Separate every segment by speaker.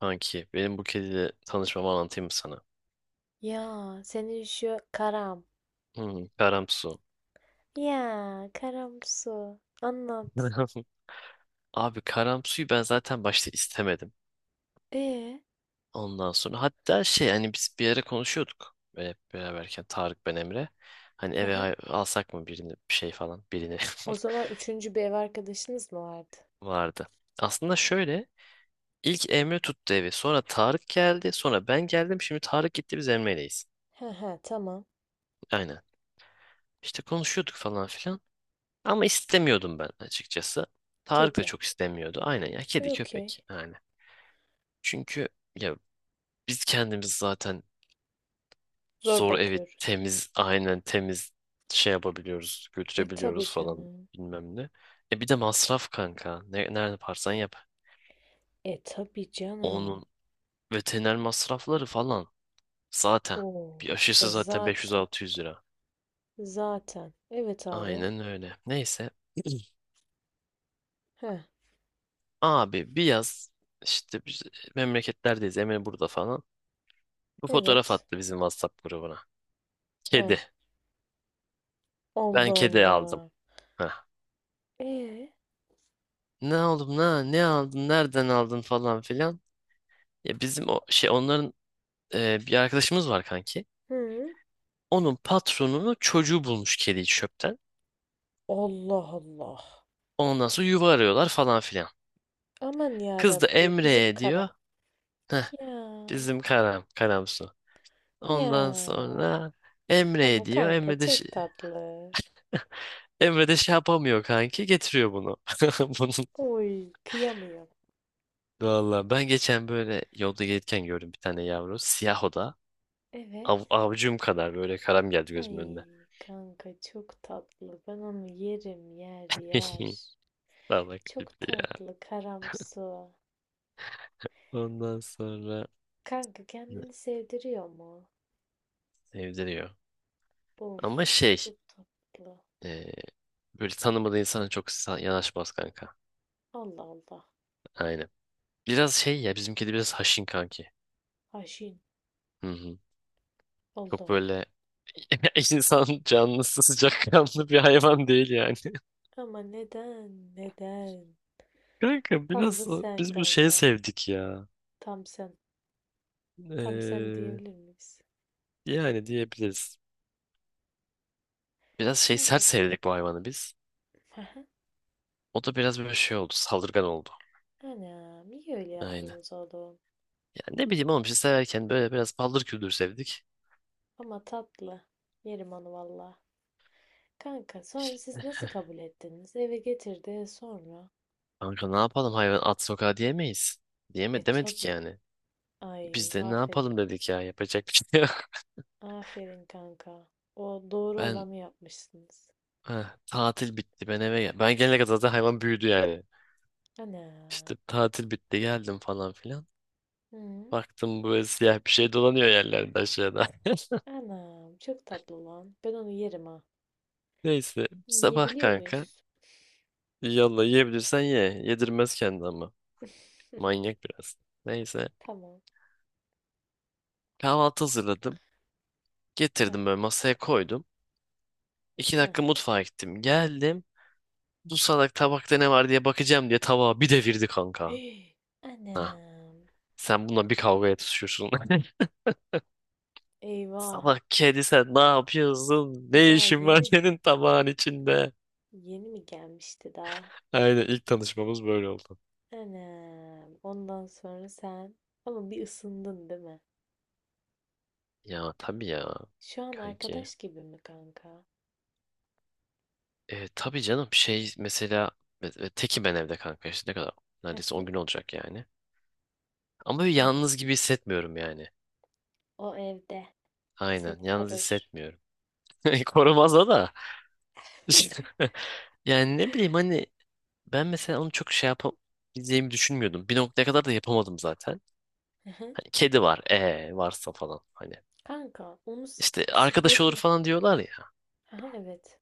Speaker 1: Kanki benim bu kediyle tanışmamı anlatayım mı sana?
Speaker 2: Ya senin şu karam.
Speaker 1: Hmm, Karamsu.
Speaker 2: Ya karamsu. Anlat.
Speaker 1: Abi Karamsu'yu ben zaten başta istemedim.
Speaker 2: E,
Speaker 1: Ondan sonra hatta şey hani biz bir ara konuşuyorduk. Böyle hep beraberken Tarık, ben, Emre. Hani
Speaker 2: hı
Speaker 1: eve
Speaker 2: hı.
Speaker 1: alsak mı birini, bir şey falan birini
Speaker 2: O zaman üçüncü bir ev arkadaşınız mı vardı?
Speaker 1: vardı. Aslında şöyle, ilk Emre tuttu evi, sonra Tarık geldi, sonra ben geldim, şimdi Tarık gitti biz Emre'yleyiz.
Speaker 2: Hı hı, tamam.
Speaker 1: Aynen. İşte konuşuyorduk falan filan. Ama istemiyordum ben açıkçası. Tarık da
Speaker 2: Kedi.
Speaker 1: çok istemiyordu. Aynen ya, kedi
Speaker 2: Okey.
Speaker 1: köpek yani. Çünkü ya biz kendimiz zaten
Speaker 2: Zor
Speaker 1: zor evi
Speaker 2: bakıyoruz.
Speaker 1: temiz, aynen temiz şey yapabiliyoruz,
Speaker 2: E tabi
Speaker 1: götürebiliyoruz falan
Speaker 2: canım.
Speaker 1: bilmem ne. E bir de masraf kanka. Ne, nerede parsan yap.
Speaker 2: E tabi canım.
Speaker 1: Onun veteriner masrafları falan zaten.
Speaker 2: Oo.
Speaker 1: Bir
Speaker 2: E
Speaker 1: aşısı zaten
Speaker 2: zaten.
Speaker 1: 500-600 lira.
Speaker 2: Zaten. Evet abi.
Speaker 1: Aynen öyle. Neyse.
Speaker 2: Heh.
Speaker 1: Abi bir yaz işte biz memleketlerdeyiz. Emre burada falan. Bu fotoğraf
Speaker 2: Evet.
Speaker 1: attı bizim WhatsApp grubuna.
Speaker 2: Heh.
Speaker 1: Kedi. Ben
Speaker 2: Allah
Speaker 1: kedi aldım.
Speaker 2: Allah.
Speaker 1: Heh.
Speaker 2: E.
Speaker 1: Ne oğlum, ne aldın, nereden aldın falan filan. Ya bizim o şey, onların bir arkadaşımız var kanki.
Speaker 2: Hı.
Speaker 1: Onun patronunu çocuğu bulmuş kediyi çöpten.
Speaker 2: Allah Allah.
Speaker 1: Ondan sonra yuva arıyorlar falan filan.
Speaker 2: Aman ya
Speaker 1: Kız da
Speaker 2: Rabbi bizim
Speaker 1: Emre'ye
Speaker 2: kara.
Speaker 1: diyor.
Speaker 2: Ya
Speaker 1: Bizim Karam, Karamsu. Ondan
Speaker 2: Ya
Speaker 1: sonra
Speaker 2: ama
Speaker 1: Emre'ye diyor.
Speaker 2: kanka çok tatlı.
Speaker 1: Emre de şey yapamıyor kanki. Getiriyor bunu. Bunun
Speaker 2: Oy kıyamıyorum.
Speaker 1: Valla ben geçen böyle yolda gelirken gördüm bir tane yavru. Siyah o da.
Speaker 2: Evet.
Speaker 1: Avucum kadar böyle karam geldi gözümün
Speaker 2: Ay
Speaker 1: önüne.
Speaker 2: kanka çok tatlı. Ben onu yerim yer yer.
Speaker 1: Salak
Speaker 2: Çok
Speaker 1: tipli ya.
Speaker 2: tatlı karamsu.
Speaker 1: Ondan sonra
Speaker 2: Kanka
Speaker 1: ne-
Speaker 2: kendini sevdiriyor mu?
Speaker 1: sevdiriyor.
Speaker 2: Of
Speaker 1: Ama şey,
Speaker 2: çok tatlı.
Speaker 1: e, böyle tanımadığı insana çok yanaşmaz kanka.
Speaker 2: Allah Allah.
Speaker 1: Aynen. Biraz şey ya, bizim kedi biraz haşin kanki.
Speaker 2: Haşin.
Speaker 1: Hı hı.
Speaker 2: Allah
Speaker 1: Çok
Speaker 2: Allah.
Speaker 1: böyle insan canlısı, sıcakkanlı bir hayvan değil yani.
Speaker 2: Ama neden? Neden?
Speaker 1: Kanka
Speaker 2: Tam da
Speaker 1: biraz
Speaker 2: sen
Speaker 1: biz bu şeyi
Speaker 2: kanka.
Speaker 1: sevdik ya.
Speaker 2: Tam sen. Tam sen
Speaker 1: Ee,
Speaker 2: diyebilir miyiz?
Speaker 1: yani diyebiliriz. Biraz şey sert
Speaker 2: Kanka.
Speaker 1: sevdik bu hayvanı biz. O da biraz böyle şey oldu, saldırgan oldu.
Speaker 2: Anam iyi öyle
Speaker 1: Aynen.
Speaker 2: yaptınız oğlum.
Speaker 1: Yani ne bileyim oğlum, işte severken böyle biraz paldır küldür sevdik.
Speaker 2: Ama tatlı. Yerim onu valla. Kanka sonra siz nasıl kabul ettiniz? Eve getirdi sonra.
Speaker 1: Kanka ne yapalım, hayvan at sokağa diyemeyiz.
Speaker 2: E
Speaker 1: Demedik
Speaker 2: tabii.
Speaker 1: yani.
Speaker 2: Ay
Speaker 1: Biz de ne
Speaker 2: aferin.
Speaker 1: yapalım dedik ya, yapacak bir şey yok.
Speaker 2: Aferin kanka. O doğru
Speaker 1: Ben
Speaker 2: olanı yapmışsınız.
Speaker 1: tatil bitti, ben eve gel. Ben gelene kadar zaten hayvan büyüdü yani. İşte
Speaker 2: Anam.
Speaker 1: tatil bitti, geldim falan filan.
Speaker 2: Hı?
Speaker 1: Baktım böyle siyah bir şey dolanıyor yerlerde aşağıda.
Speaker 2: Anam çok tatlı lan. Ben onu yerim ha.
Speaker 1: Neyse sabah
Speaker 2: Yiyebiliyor
Speaker 1: kanka.
Speaker 2: muyuz?
Speaker 1: Yallah, yiyebilirsen ye. Yedirmez kendi ama. Manyak biraz. Neyse,
Speaker 2: Tamam.
Speaker 1: kahvaltı hazırladım.
Speaker 2: Heh,
Speaker 1: Getirdim böyle masaya koydum. İki
Speaker 2: heh.
Speaker 1: dakika mutfağa gittim. Geldim. Bu salak, tabakta ne var diye bakacağım diye tabağı bir devirdi kanka.
Speaker 2: Hii,
Speaker 1: Ha.
Speaker 2: anam.
Speaker 1: Sen bununla bir kavgaya tutuşuyorsun.
Speaker 2: Eyvah.
Speaker 1: Salak kedi, sen ne yapıyorsun?
Speaker 2: Bu
Speaker 1: Ne
Speaker 2: daha
Speaker 1: işin var
Speaker 2: yeni.
Speaker 1: senin tabağın içinde?
Speaker 2: Yeni mi gelmişti daha?
Speaker 1: Aynen, ilk tanışmamız böyle oldu.
Speaker 2: Anam. Ondan sonra sen ama bir ısındın değil mi?
Speaker 1: Ya tabii ya
Speaker 2: Şu an
Speaker 1: kanki.
Speaker 2: arkadaş gibi mi kanka?
Speaker 1: Tabii canım, şey mesela tekim ben evde kanka, işte ne kadar,
Speaker 2: Hı
Speaker 1: neredeyse 10
Speaker 2: hı.
Speaker 1: gün olacak yani. Ama böyle
Speaker 2: Evet.
Speaker 1: yalnız gibi hissetmiyorum yani.
Speaker 2: O evde
Speaker 1: Aynen,
Speaker 2: seni
Speaker 1: yalnız
Speaker 2: korur.
Speaker 1: hissetmiyorum. Korumaza da. Yani ne bileyim hani, ben mesela onu çok şey yapabileceğimi düşünmüyordum. Bir noktaya kadar da yapamadım zaten.
Speaker 2: Hı hı.
Speaker 1: Hani kedi var, varsa falan hani.
Speaker 2: Kanka onu
Speaker 1: İşte arkadaş olur
Speaker 2: sıklıkla.
Speaker 1: falan diyorlar ya.
Speaker 2: Hı hı, evet.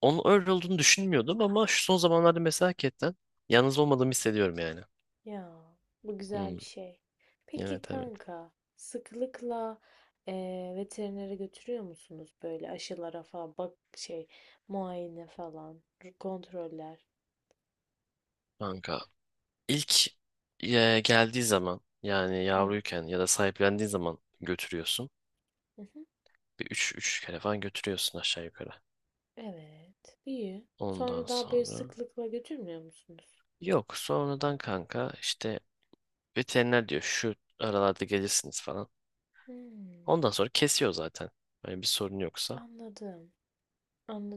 Speaker 1: Onun öyle olduğunu düşünmüyordum, ama şu son zamanlarda mesela hakikaten yalnız olmadığımı hissediyorum yani.
Speaker 2: Ya bu güzel
Speaker 1: Hmm,
Speaker 2: bir şey. Peki
Speaker 1: evet, evet.
Speaker 2: kanka sıklıkla veterinere götürüyor musunuz böyle aşılara falan bak şey muayene falan kontroller.
Speaker 1: Kanka ilk geldiği zaman, yani
Speaker 2: Hı.
Speaker 1: yavruyken ya da sahiplendiği zaman götürüyorsun.
Speaker 2: Hı hı.
Speaker 1: Bir 3 kere falan götürüyorsun aşağı yukarı.
Speaker 2: Evet, iyi.
Speaker 1: Ondan
Speaker 2: Sonra daha böyle
Speaker 1: sonra
Speaker 2: sıklıkla götürmüyor musunuz?
Speaker 1: yok, sonradan kanka işte veteriner diyor şu aralarda gelirsiniz falan.
Speaker 2: Hımm,
Speaker 1: Ondan sonra kesiyor zaten. Hani bir sorun yoksa.
Speaker 2: anladım.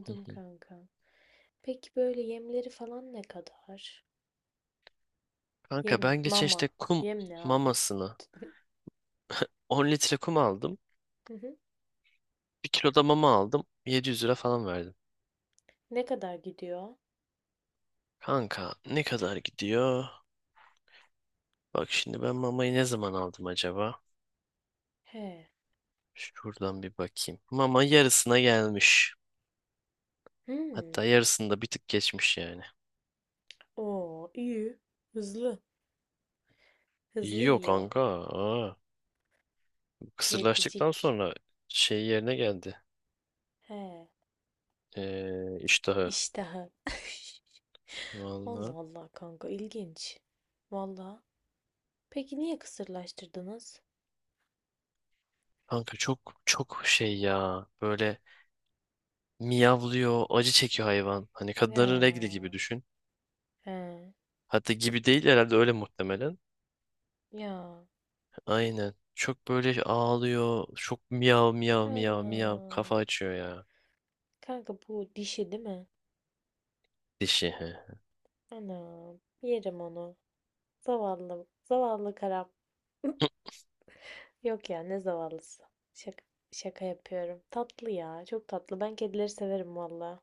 Speaker 1: Hı hı.
Speaker 2: kanka. Peki böyle yemleri falan ne kadar? Yem,
Speaker 1: Kanka ben geçen
Speaker 2: mama.
Speaker 1: işte kum
Speaker 2: Yem ne abi?
Speaker 1: mamasını, 10 litre kum aldım,
Speaker 2: Hı hı.
Speaker 1: 1 kilo da mama aldım, 700 lira falan verdim.
Speaker 2: Ne kadar gidiyor?
Speaker 1: Kanka ne kadar gidiyor? Bak şimdi, ben mamayı ne zaman aldım acaba?
Speaker 2: He.
Speaker 1: Şuradan bir bakayım. Mama yarısına gelmiş.
Speaker 2: Hmm.
Speaker 1: Hatta yarısında bir tık geçmiş yani.
Speaker 2: Oo, iyi. Hızlı. Hızlı
Speaker 1: Yok
Speaker 2: yiyor.
Speaker 1: kanka. Aa, kısırlaştıktan
Speaker 2: Kedicik.
Speaker 1: sonra şey yerine geldi.
Speaker 2: He.
Speaker 1: İştahı.
Speaker 2: İştahı. Allah
Speaker 1: Vallahi.
Speaker 2: Allah kanka ilginç. Valla. Peki niye kısırlaştırdınız?
Speaker 1: Kanka çok çok şey ya. Böyle miyavlıyor, acı çekiyor hayvan. Hani kadınların regli gibi
Speaker 2: Ya,
Speaker 1: düşün.
Speaker 2: he,
Speaker 1: Hatta gibi değil herhalde, öyle muhtemelen.
Speaker 2: ya,
Speaker 1: Aynen. Çok böyle ağlıyor. Çok miyav miyav miyav miyav.
Speaker 2: anam.
Speaker 1: Kafa açıyor ya.
Speaker 2: Kanka bu dişi değil mi?
Speaker 1: Dişi. He.
Speaker 2: Anam, yerim onu. Zavallı, zavallı karam. Yok ya, ne zavallısı. Şaka, şaka yapıyorum. Tatlı ya, çok tatlı. Ben kedileri severim valla,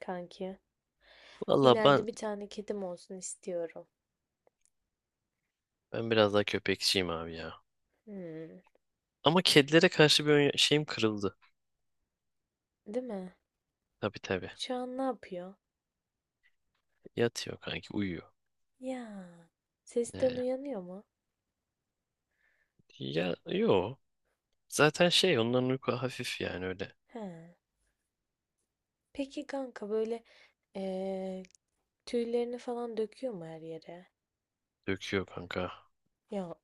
Speaker 2: kanki.
Speaker 1: Valla ben
Speaker 2: İleride bir tane kedim olsun istiyorum.
Speaker 1: ben biraz daha köpekçiyim abi ya.
Speaker 2: Hmm,
Speaker 1: Ama kedilere karşı bir şeyim kırıldı.
Speaker 2: değil mi?
Speaker 1: Tabii tabii.
Speaker 2: Şu an ne yapıyor?
Speaker 1: Yatıyor kanki, uyuyor.
Speaker 2: Ya, sesten
Speaker 1: Ee,
Speaker 2: uyanıyor mu?
Speaker 1: ya yo. Zaten şey, onların uyku hafif yani öyle.
Speaker 2: He. Peki kanka böyle Ee, tüylerini falan döküyor mu her yere?
Speaker 1: Döküyor kanka.
Speaker 2: Ya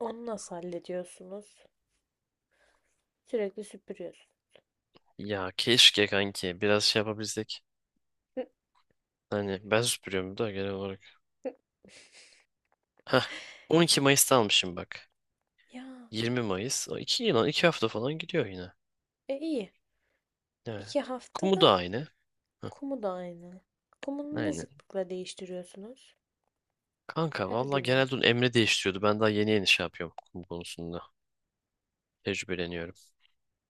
Speaker 2: onu nasıl hallediyorsunuz? Sürekli süpürüyorsun.
Speaker 1: Ya keşke kanki biraz şey yapabilsek.
Speaker 2: Hı,
Speaker 1: Hani ben süpürüyorum da genel olarak. Heh 12 Mayıs'ta almışım bak.
Speaker 2: ya
Speaker 1: 20 Mayıs. O 2 yıl, 2 hafta falan gidiyor yine.
Speaker 2: iyi.
Speaker 1: Evet.
Speaker 2: İki
Speaker 1: Kumu
Speaker 2: haftada
Speaker 1: da aynı. Heh,
Speaker 2: kumu da aynı. Kumunu ne
Speaker 1: aynen.
Speaker 2: sıklıkla değiştiriyorsunuz?
Speaker 1: Kanka
Speaker 2: Her
Speaker 1: valla
Speaker 2: gün mü?
Speaker 1: genelde onun Emre değiştiriyordu. Ben daha yeni yeni şey yapıyorum kum konusunda. Tecrübeleniyorum.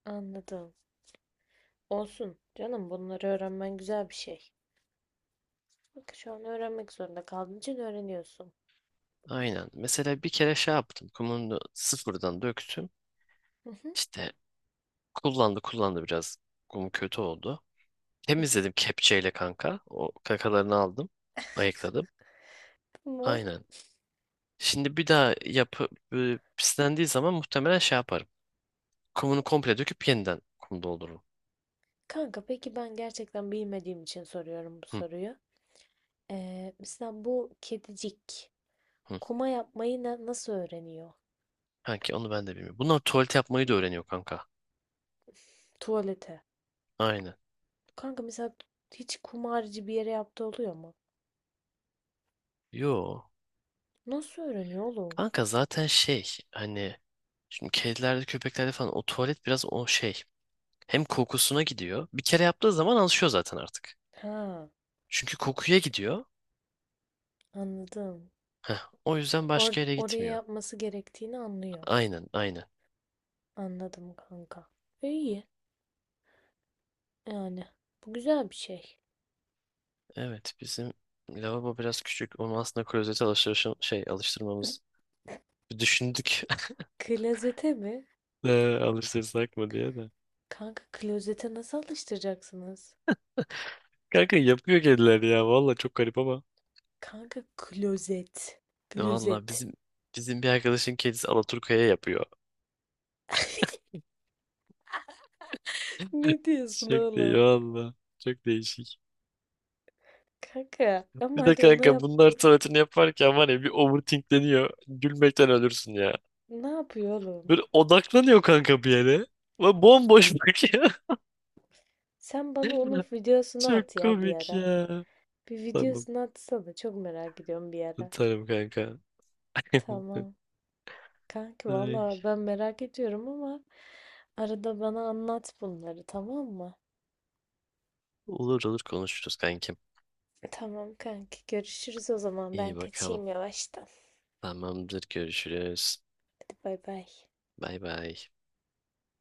Speaker 2: Anladım. Olsun canım bunları öğrenmen güzel bir şey. Bak şu an öğrenmek zorunda kaldığın için öğreniyorsun.
Speaker 1: Aynen. Mesela bir kere şey yaptım. Kumunu sıfırdan döktüm.
Speaker 2: Hı hı,
Speaker 1: İşte kullandı kullandı biraz. Kum kötü oldu.
Speaker 2: hı hı.
Speaker 1: Temizledim kepçeyle kanka. O kakalarını aldım. Ayıkladım.
Speaker 2: Tamam.
Speaker 1: Aynen. Şimdi bir daha pislendiği zaman muhtemelen şey yaparım. Kumunu komple döküp yeniden kum doldururum.
Speaker 2: Kanka peki ben gerçekten bilmediğim için soruyorum bu
Speaker 1: Hı,
Speaker 2: soruyu. Mesela bu kedicik.
Speaker 1: hı.
Speaker 2: Kuma yapmayı nasıl öğreniyor?
Speaker 1: Kanki onu ben de bilmiyorum. Bunlar tuvalet yapmayı da öğreniyor kanka.
Speaker 2: Tuvalete.
Speaker 1: Aynen.
Speaker 2: Kanka mesela hiç kumarcı bir yere yaptığı oluyor mu?
Speaker 1: Yo.
Speaker 2: Nasıl öğreniyor oğlum?
Speaker 1: Kanka zaten şey hani, şimdi kedilerde köpeklerde falan o tuvalet biraz o şey. Hem kokusuna gidiyor. Bir kere yaptığı zaman alışıyor zaten artık.
Speaker 2: Ha,
Speaker 1: Çünkü kokuya gidiyor.
Speaker 2: anladım.
Speaker 1: Heh, o yüzden başka yere
Speaker 2: Oraya
Speaker 1: gitmiyor.
Speaker 2: yapması gerektiğini anlıyor.
Speaker 1: Aynen, aynen.
Speaker 2: Anladım kanka. İyi yani. Bu güzel bir şey.
Speaker 1: Evet bizim lavabo biraz küçük. Onu aslında klozete şey, alıştırmamız bir düşündük.
Speaker 2: Klozete mi?
Speaker 1: Alıştırsak mı diye de.
Speaker 2: Kanka klozete nasıl alıştıracaksınız?
Speaker 1: Kanka yapıyor kediler ya. Valla çok garip ama.
Speaker 2: Kanka klozet. Klozet.
Speaker 1: Valla bizim bir arkadaşın kedisi Alaturka'ya yapıyor.
Speaker 2: Ne diyorsun
Speaker 1: Çok değil
Speaker 2: oğlum?
Speaker 1: valla. Çok değişik.
Speaker 2: Kanka ama
Speaker 1: Bir de
Speaker 2: hadi ona
Speaker 1: kanka
Speaker 2: yap...
Speaker 1: bunlar tuvaletini yaparken var ya, bir overthinkleniyor. Gülmekten ölürsün ya.
Speaker 2: Ne yapıyor oğlum?
Speaker 1: Böyle odaklanıyor kanka bir yere. Ve bomboş bakıyor.
Speaker 2: Sen bana onun videosunu
Speaker 1: Çok
Speaker 2: at ya bir
Speaker 1: komik
Speaker 2: ara.
Speaker 1: ya.
Speaker 2: Bir
Speaker 1: Tamam.
Speaker 2: videosunu atsana. Çok merak ediyorum bir ara.
Speaker 1: Tutarım kanka.
Speaker 2: Tamam. Kanki
Speaker 1: Ay.
Speaker 2: valla ben merak ediyorum ama arada bana anlat bunları tamam mı?
Speaker 1: Olur olur, konuşuruz kankim.
Speaker 2: Tamam kanki görüşürüz o zaman. Ben
Speaker 1: İyi bakalım.
Speaker 2: kaçayım yavaştan.
Speaker 1: Tamamdır, görüşürüz.
Speaker 2: Hadi bay bay.
Speaker 1: Bay bay.